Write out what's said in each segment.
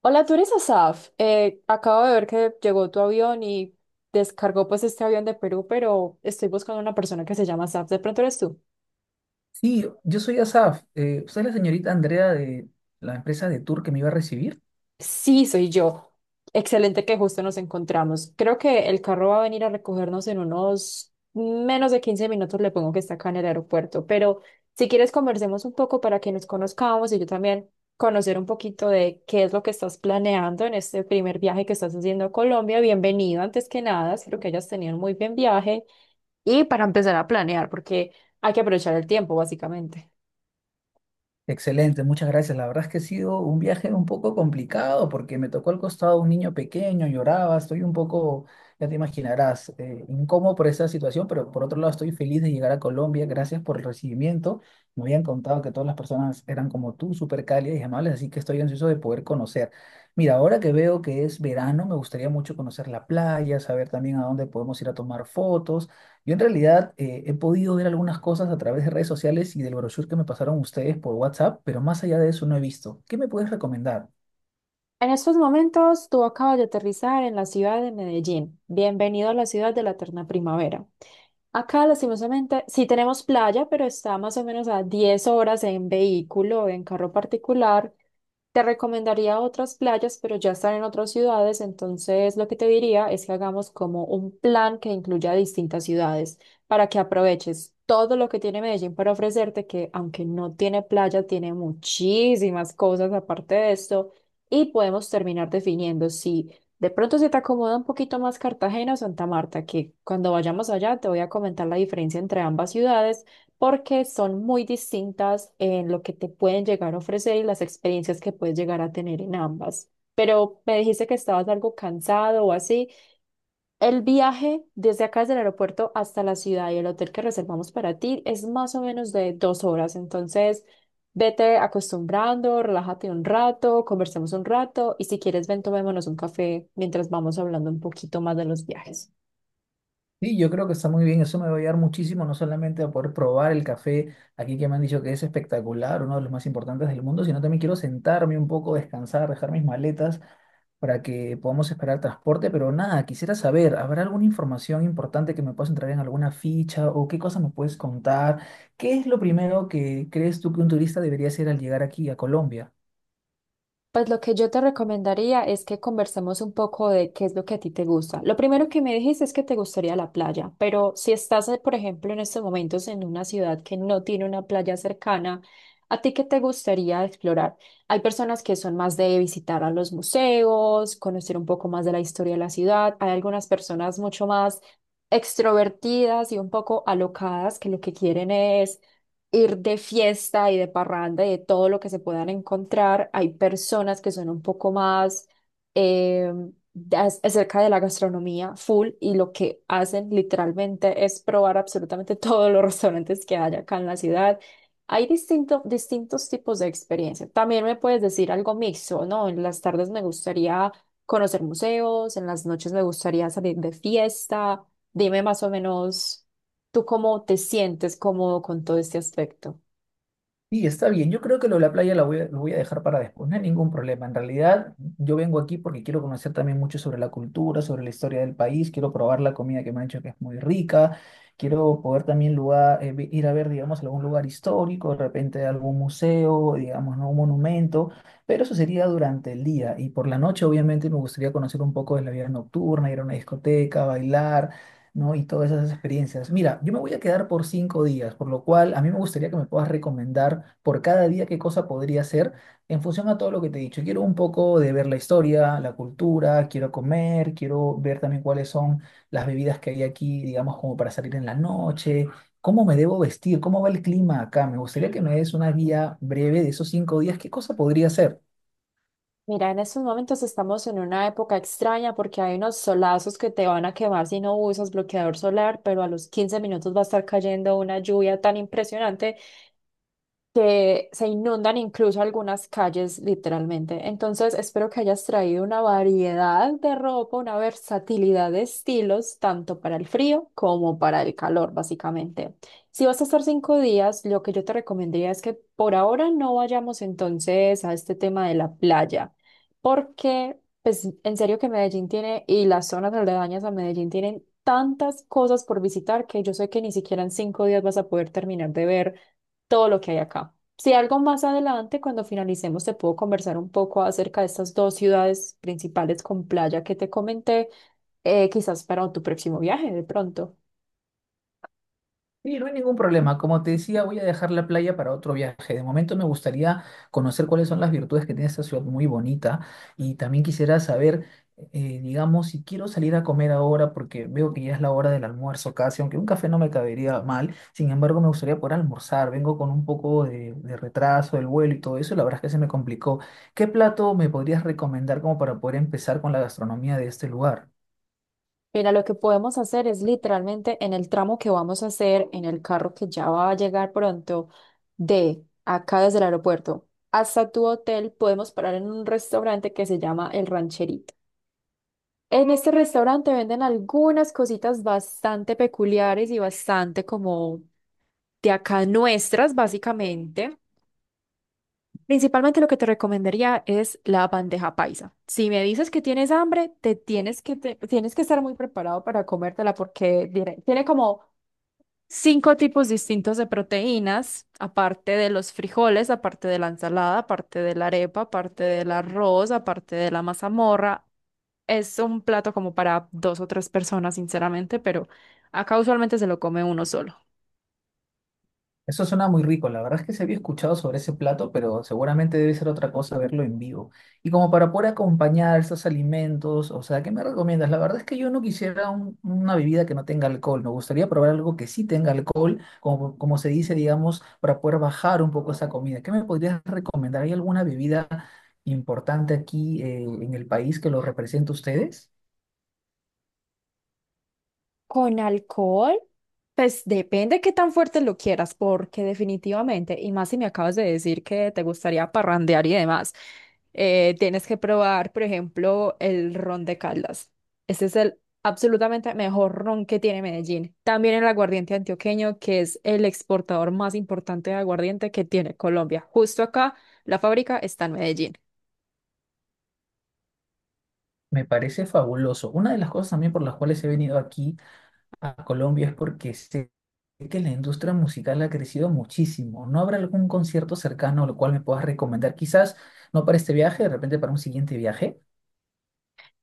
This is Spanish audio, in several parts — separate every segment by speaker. Speaker 1: Hola, tú eres Asaf. Acabo de ver que llegó tu avión y descargó pues este avión de Perú, pero estoy buscando una persona que se llama Asaf. ¿De pronto eres tú?
Speaker 2: Sí, yo soy Asaf. ¿Usted es la señorita Andrea de la empresa de tour que me iba a recibir?
Speaker 1: Sí, soy yo. Excelente que justo nos encontramos. Creo que el carro va a venir a recogernos en unos menos de 15 minutos. Le pongo que está acá en el aeropuerto, pero si quieres conversemos un poco para que nos conozcamos y yo también conocer un poquito de qué es lo que estás planeando en este primer viaje que estás haciendo a Colombia. Bienvenido antes que nada. Espero que hayas tenido un muy buen viaje. Y para empezar a planear, porque hay que aprovechar el tiempo, básicamente.
Speaker 2: Excelente, muchas gracias. La verdad es que ha sido un viaje un poco complicado porque me tocó al costado un niño pequeño, lloraba, estoy un poco, ya te imaginarás, incómodo por esa situación, pero por otro lado estoy feliz de llegar a Colombia. Gracias por el recibimiento. Me habían contado que todas las personas eran como tú, súper cálidas y amables, así que estoy ansioso de poder conocer. Mira, ahora que veo que es verano, me gustaría mucho conocer la playa, saber también a dónde podemos ir a tomar fotos. Yo en realidad he podido ver algunas cosas a través de redes sociales y del brochure que me pasaron ustedes por WhatsApp, pero más allá de eso no he visto. ¿Qué me puedes recomendar?
Speaker 1: En estos momentos, tú acabas de aterrizar en la ciudad de Medellín. Bienvenido a la ciudad de la eterna primavera. Acá, lastimosamente, sí tenemos playa, pero está más o menos a 10 horas en vehículo, en carro particular. Te recomendaría otras playas, pero ya están en otras ciudades, entonces lo que te diría es que hagamos como un plan que incluya distintas ciudades para que aproveches todo lo que tiene Medellín para ofrecerte, que aunque no tiene playa, tiene muchísimas cosas aparte de esto y podemos terminar definiendo si de pronto se te acomoda un poquito más Cartagena o Santa Marta, que cuando vayamos allá te voy a comentar la diferencia entre ambas ciudades porque son muy distintas en lo que te pueden llegar a ofrecer y las experiencias que puedes llegar a tener en ambas. Pero me dijiste que estabas algo cansado o así. El viaje desde acá, desde el aeropuerto hasta la ciudad y el hotel que reservamos para ti es más o menos de 2 horas. Entonces, vete acostumbrando, relájate un rato, conversemos un rato y si quieres, ven, tomémonos un café mientras vamos hablando un poquito más de los viajes.
Speaker 2: Sí, yo creo que está muy bien, eso me va a ayudar muchísimo, no solamente a poder probar el café aquí que me han dicho que es espectacular, uno de los más importantes del mundo, sino también quiero sentarme un poco, descansar, dejar mis maletas para que podamos esperar transporte, pero nada, quisiera saber, ¿habrá alguna información importante que me puedas entrar en alguna ficha o qué cosas me puedes contar? ¿Qué es lo primero que crees tú que un turista debería hacer al llegar aquí a Colombia?
Speaker 1: Pues lo que yo te recomendaría es que conversemos un poco de qué es lo que a ti te gusta. Lo primero que me dijiste es que te gustaría la playa, pero si estás, por ejemplo, en estos momentos en una ciudad que no tiene una playa cercana, ¿a ti qué te gustaría explorar? Hay personas que son más de visitar a los museos, conocer un poco más de la historia de la ciudad. Hay algunas personas mucho más extrovertidas y un poco alocadas que lo que quieren es ir de fiesta y de parranda y de todo lo que se puedan encontrar. Hay personas que son un poco más eh, acerca de la gastronomía full y lo que hacen literalmente es probar absolutamente todos los restaurantes que hay acá en la ciudad. Hay distintos tipos de experiencia. También me puedes decir algo mixto, ¿no? En las tardes me gustaría conocer museos, en las noches me gustaría salir de fiesta. Dime más o menos. ¿Tú cómo te sientes cómodo con todo este aspecto?
Speaker 2: Sí, está bien. Yo creo que lo de la playa la voy a, lo voy a dejar para después. No hay ningún problema. En realidad, yo vengo aquí porque quiero conocer también mucho sobre la cultura, sobre la historia del país. Quiero probar la comida que me han dicho que es muy rica. Quiero poder también lugar, ir a ver, digamos, algún lugar histórico, de repente algún museo, digamos, ¿no? Un monumento. Pero eso sería durante el día. Y por la noche, obviamente, me gustaría conocer un poco de la vida nocturna, ir a una discoteca, bailar ¿no? Y todas esas experiencias. Mira, yo me voy a quedar por 5 días, por lo cual a mí me gustaría que me puedas recomendar por cada día qué cosa podría hacer en función a todo lo que te he dicho. Quiero un poco de ver la historia, la cultura, quiero comer, quiero ver también cuáles son las bebidas que hay aquí, digamos, como para salir en la noche, cómo me debo vestir, cómo va el clima acá. Me gustaría que me des una guía breve de esos 5 días, qué cosa podría hacer.
Speaker 1: Mira, en estos momentos estamos en una época extraña porque hay unos solazos que te van a quemar si no usas bloqueador solar, pero a los 15 minutos va a estar cayendo una lluvia tan impresionante que se inundan incluso algunas calles literalmente. Entonces, espero que hayas traído una variedad de ropa, una versatilidad de estilos, tanto para el frío como para el calor, básicamente. Si vas a estar 5 días, lo que yo te recomendaría es que por ahora no vayamos entonces a este tema de la playa, porque pues en serio que Medellín tiene y las zonas aledañas a Medellín tienen tantas cosas por visitar que yo sé que ni siquiera en 5 días vas a poder terminar de ver todo lo que hay acá. Si algo más adelante, cuando finalicemos, te puedo conversar un poco acerca de estas dos ciudades principales con playa que te comenté, quizás para tu próximo viaje de pronto.
Speaker 2: Sí, no hay ningún problema. Como te decía, voy a dejar la playa para otro viaje. De momento me gustaría conocer cuáles son las virtudes que tiene esta ciudad muy bonita y también quisiera saber, digamos, si quiero salir a comer ahora porque veo que ya es la hora del almuerzo casi, aunque un café no me cabería mal. Sin embargo, me gustaría poder almorzar. Vengo con un poco de retraso del vuelo y todo eso y la verdad es que se me complicó. ¿Qué plato me podrías recomendar como para poder empezar con la gastronomía de este lugar?
Speaker 1: Mira, lo que podemos hacer es literalmente en el tramo que vamos a hacer, en el carro que ya va a llegar pronto, de acá desde el aeropuerto hasta tu hotel, podemos parar en un restaurante que se llama El Rancherito. En este restaurante venden algunas cositas bastante peculiares y bastante como de acá nuestras, básicamente. Principalmente lo que te recomendaría es la bandeja paisa. Si me dices que tienes hambre, tienes que estar muy preparado para comértela porque tiene como cinco tipos distintos de proteínas, aparte de los frijoles, aparte de la ensalada, aparte de la arepa, aparte del arroz, aparte de la mazamorra. Es un plato como para dos o tres personas, sinceramente, pero acá usualmente se lo come uno solo.
Speaker 2: Eso suena muy rico, la verdad es que se había escuchado sobre ese plato, pero seguramente debe ser otra cosa verlo en vivo. Y como para poder acompañar estos alimentos, o sea, ¿qué me recomiendas? La verdad es que yo no quisiera una bebida que no tenga alcohol, me gustaría probar algo que sí tenga alcohol, como, como se dice, digamos, para poder bajar un poco esa comida. ¿Qué me podrías recomendar? ¿Hay alguna bebida importante aquí en el país que lo represente a ustedes?
Speaker 1: Con alcohol, pues depende qué tan fuerte lo quieras, porque definitivamente, y más si me acabas de decir que te gustaría parrandear y demás, tienes que probar, por ejemplo, el ron de Caldas. Ese es el absolutamente mejor ron que tiene Medellín. También el aguardiente antioqueño, que es el exportador más importante de aguardiente que tiene Colombia. Justo acá, la fábrica está en Medellín.
Speaker 2: Me parece fabuloso. Una de las cosas también por las cuales he venido aquí a Colombia es porque sé. Es que la industria musical ha crecido muchísimo. ¿No habrá algún concierto cercano al cual me puedas recomendar? Quizás no para este viaje, de repente para un siguiente viaje.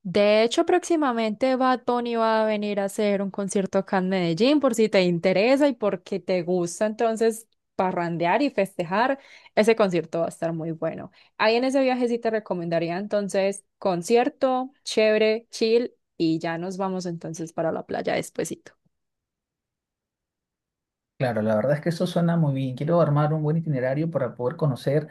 Speaker 1: De hecho, próximamente Bad Bunny va a venir a hacer un concierto acá en Medellín, por si te interesa y porque te gusta entonces parrandear y festejar. Ese concierto va a estar muy bueno. Ahí en ese viaje sí te recomendaría entonces concierto, chévere, chill y ya nos vamos entonces para la playa despuesito.
Speaker 2: Claro, la verdad es que eso suena muy bien. Quiero armar un buen itinerario para poder conocer,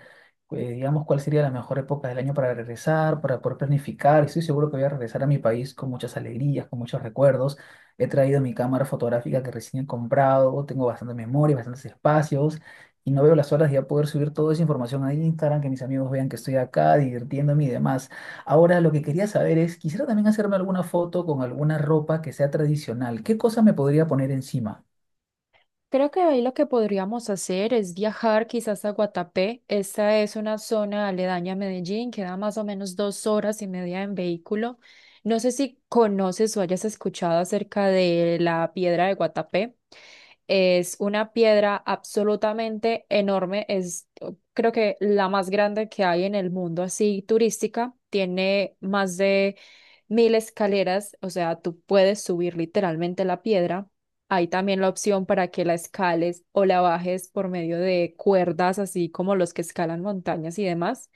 Speaker 2: digamos, cuál sería la mejor época del año para regresar, para poder planificar. Estoy seguro que voy a regresar a mi país con muchas alegrías, con muchos recuerdos. He traído mi cámara fotográfica que recién he comprado, tengo bastante memoria, bastantes espacios y no veo las horas de ya poder subir toda esa información a Instagram, que mis amigos vean que estoy acá divirtiéndome y demás. Ahora, lo que quería saber es, quisiera también hacerme alguna foto con alguna ropa que sea tradicional. ¿Qué cosa me podría poner encima?
Speaker 1: Creo que ahí lo que podríamos hacer es viajar quizás a Guatapé. Esta es una zona aledaña a Medellín, queda más o menos 2 horas y media en vehículo. No sé si conoces o hayas escuchado acerca de la piedra de Guatapé. Es una piedra absolutamente enorme, creo que la más grande que hay en el mundo, así turística. Tiene más de 1000 escaleras, o sea, tú puedes subir literalmente la piedra. Hay también la opción para que la escales o la bajes por medio de cuerdas, así como los que escalan montañas y demás,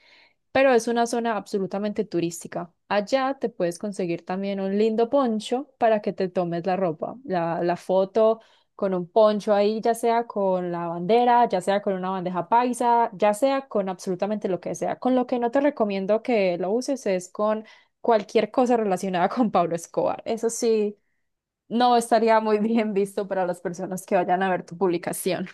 Speaker 1: pero es una zona absolutamente turística. Allá te puedes conseguir también un lindo poncho para que te tomes la ropa, la foto con un poncho ahí, ya sea con la bandera, ya sea con una bandeja paisa, ya sea con absolutamente lo que sea. Con lo que no te recomiendo que lo uses es con cualquier cosa relacionada con Pablo Escobar. Eso sí. No estaría muy bien visto para las personas que vayan a ver tu publicación.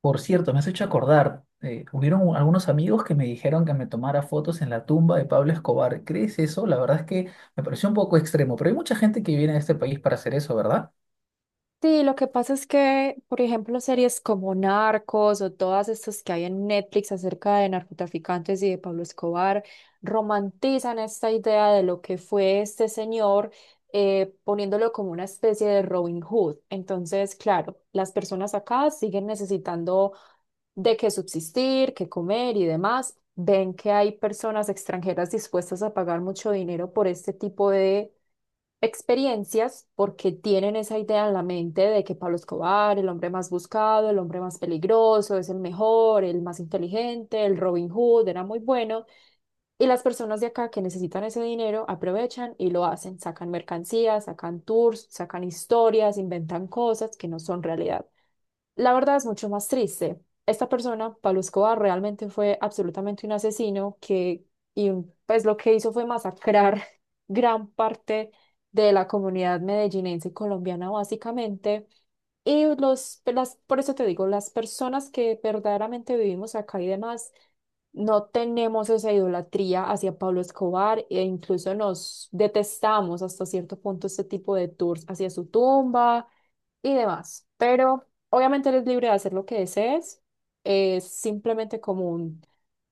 Speaker 2: Por cierto, me has hecho acordar, algunos amigos que me dijeron que me tomara fotos en la tumba de Pablo Escobar. ¿Crees eso? La verdad es que me pareció un poco extremo, pero hay mucha gente que viene a este país para hacer eso, ¿verdad?
Speaker 1: Sí, lo que pasa es que, por ejemplo, series como Narcos o todas estas que hay en Netflix acerca de narcotraficantes y de Pablo Escobar romantizan esta idea de lo que fue este señor, poniéndolo como una especie de Robin Hood. Entonces, claro, las personas acá siguen necesitando de qué subsistir, qué comer y demás. Ven que hay personas extranjeras dispuestas a pagar mucho dinero por este tipo experiencias porque tienen esa idea en la mente de que Pablo Escobar, el hombre más buscado, el hombre más peligroso, es el mejor, el más inteligente, el Robin Hood, era muy bueno. Y las personas de acá que necesitan ese dinero aprovechan y lo hacen, sacan mercancías, sacan tours, sacan historias, inventan cosas que no son realidad. La verdad es mucho más triste. Esta persona, Pablo Escobar, realmente fue absolutamente un asesino que, pues lo que hizo fue masacrar gran parte de la comunidad medellinense y colombiana, básicamente. Y, pues, por eso te digo, las personas que verdaderamente vivimos acá y demás, no tenemos esa idolatría hacia Pablo Escobar e incluso nos detestamos hasta cierto punto este tipo de tours hacia su tumba y demás. Pero obviamente eres libre de hacer lo que desees. Es simplemente como un,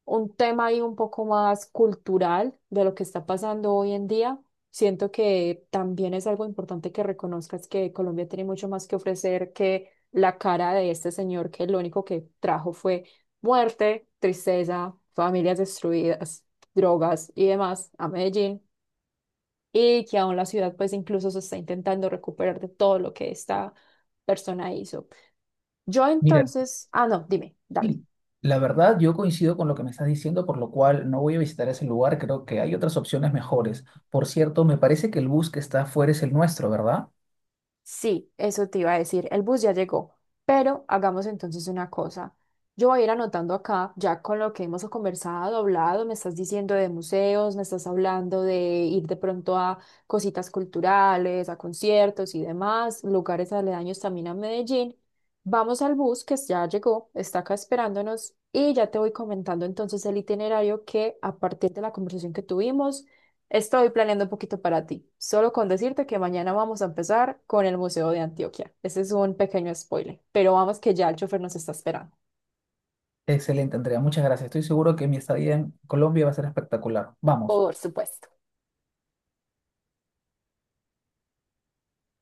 Speaker 1: un tema ahí un poco más cultural de lo que está pasando hoy en día. Siento que también es algo importante que reconozcas que Colombia tiene mucho más que ofrecer que la cara de este señor que lo único que trajo fue muerte, tristeza, familias destruidas, drogas y demás a Medellín y que aún la ciudad pues incluso se está intentando recuperar de todo lo que esta persona hizo. Yo
Speaker 2: Mira,
Speaker 1: entonces, no, dime, dale.
Speaker 2: sí, la verdad yo coincido con lo que me estás diciendo, por lo cual no voy a visitar ese lugar, creo que hay otras opciones mejores. Por cierto, me parece que el bus que está afuera es el nuestro, ¿verdad?
Speaker 1: Sí, eso te iba a decir. El bus ya llegó, pero hagamos entonces una cosa. Yo voy a ir anotando acá, ya con lo que hemos conversado, hablado, me estás diciendo de museos, me estás hablando de ir de pronto a cositas culturales, a conciertos y demás, lugares aledaños también a Medellín. Vamos al bus que ya llegó, está acá esperándonos y ya te voy comentando entonces el itinerario que a partir de la conversación que tuvimos estoy planeando un poquito para ti, solo con decirte que mañana vamos a empezar con el Museo de Antioquia. Ese es un pequeño spoiler, pero vamos que ya el chofer nos está esperando.
Speaker 2: Excelente, Andrea, muchas gracias. Estoy seguro que mi estadía en Colombia va a ser espectacular. Vamos.
Speaker 1: Por supuesto.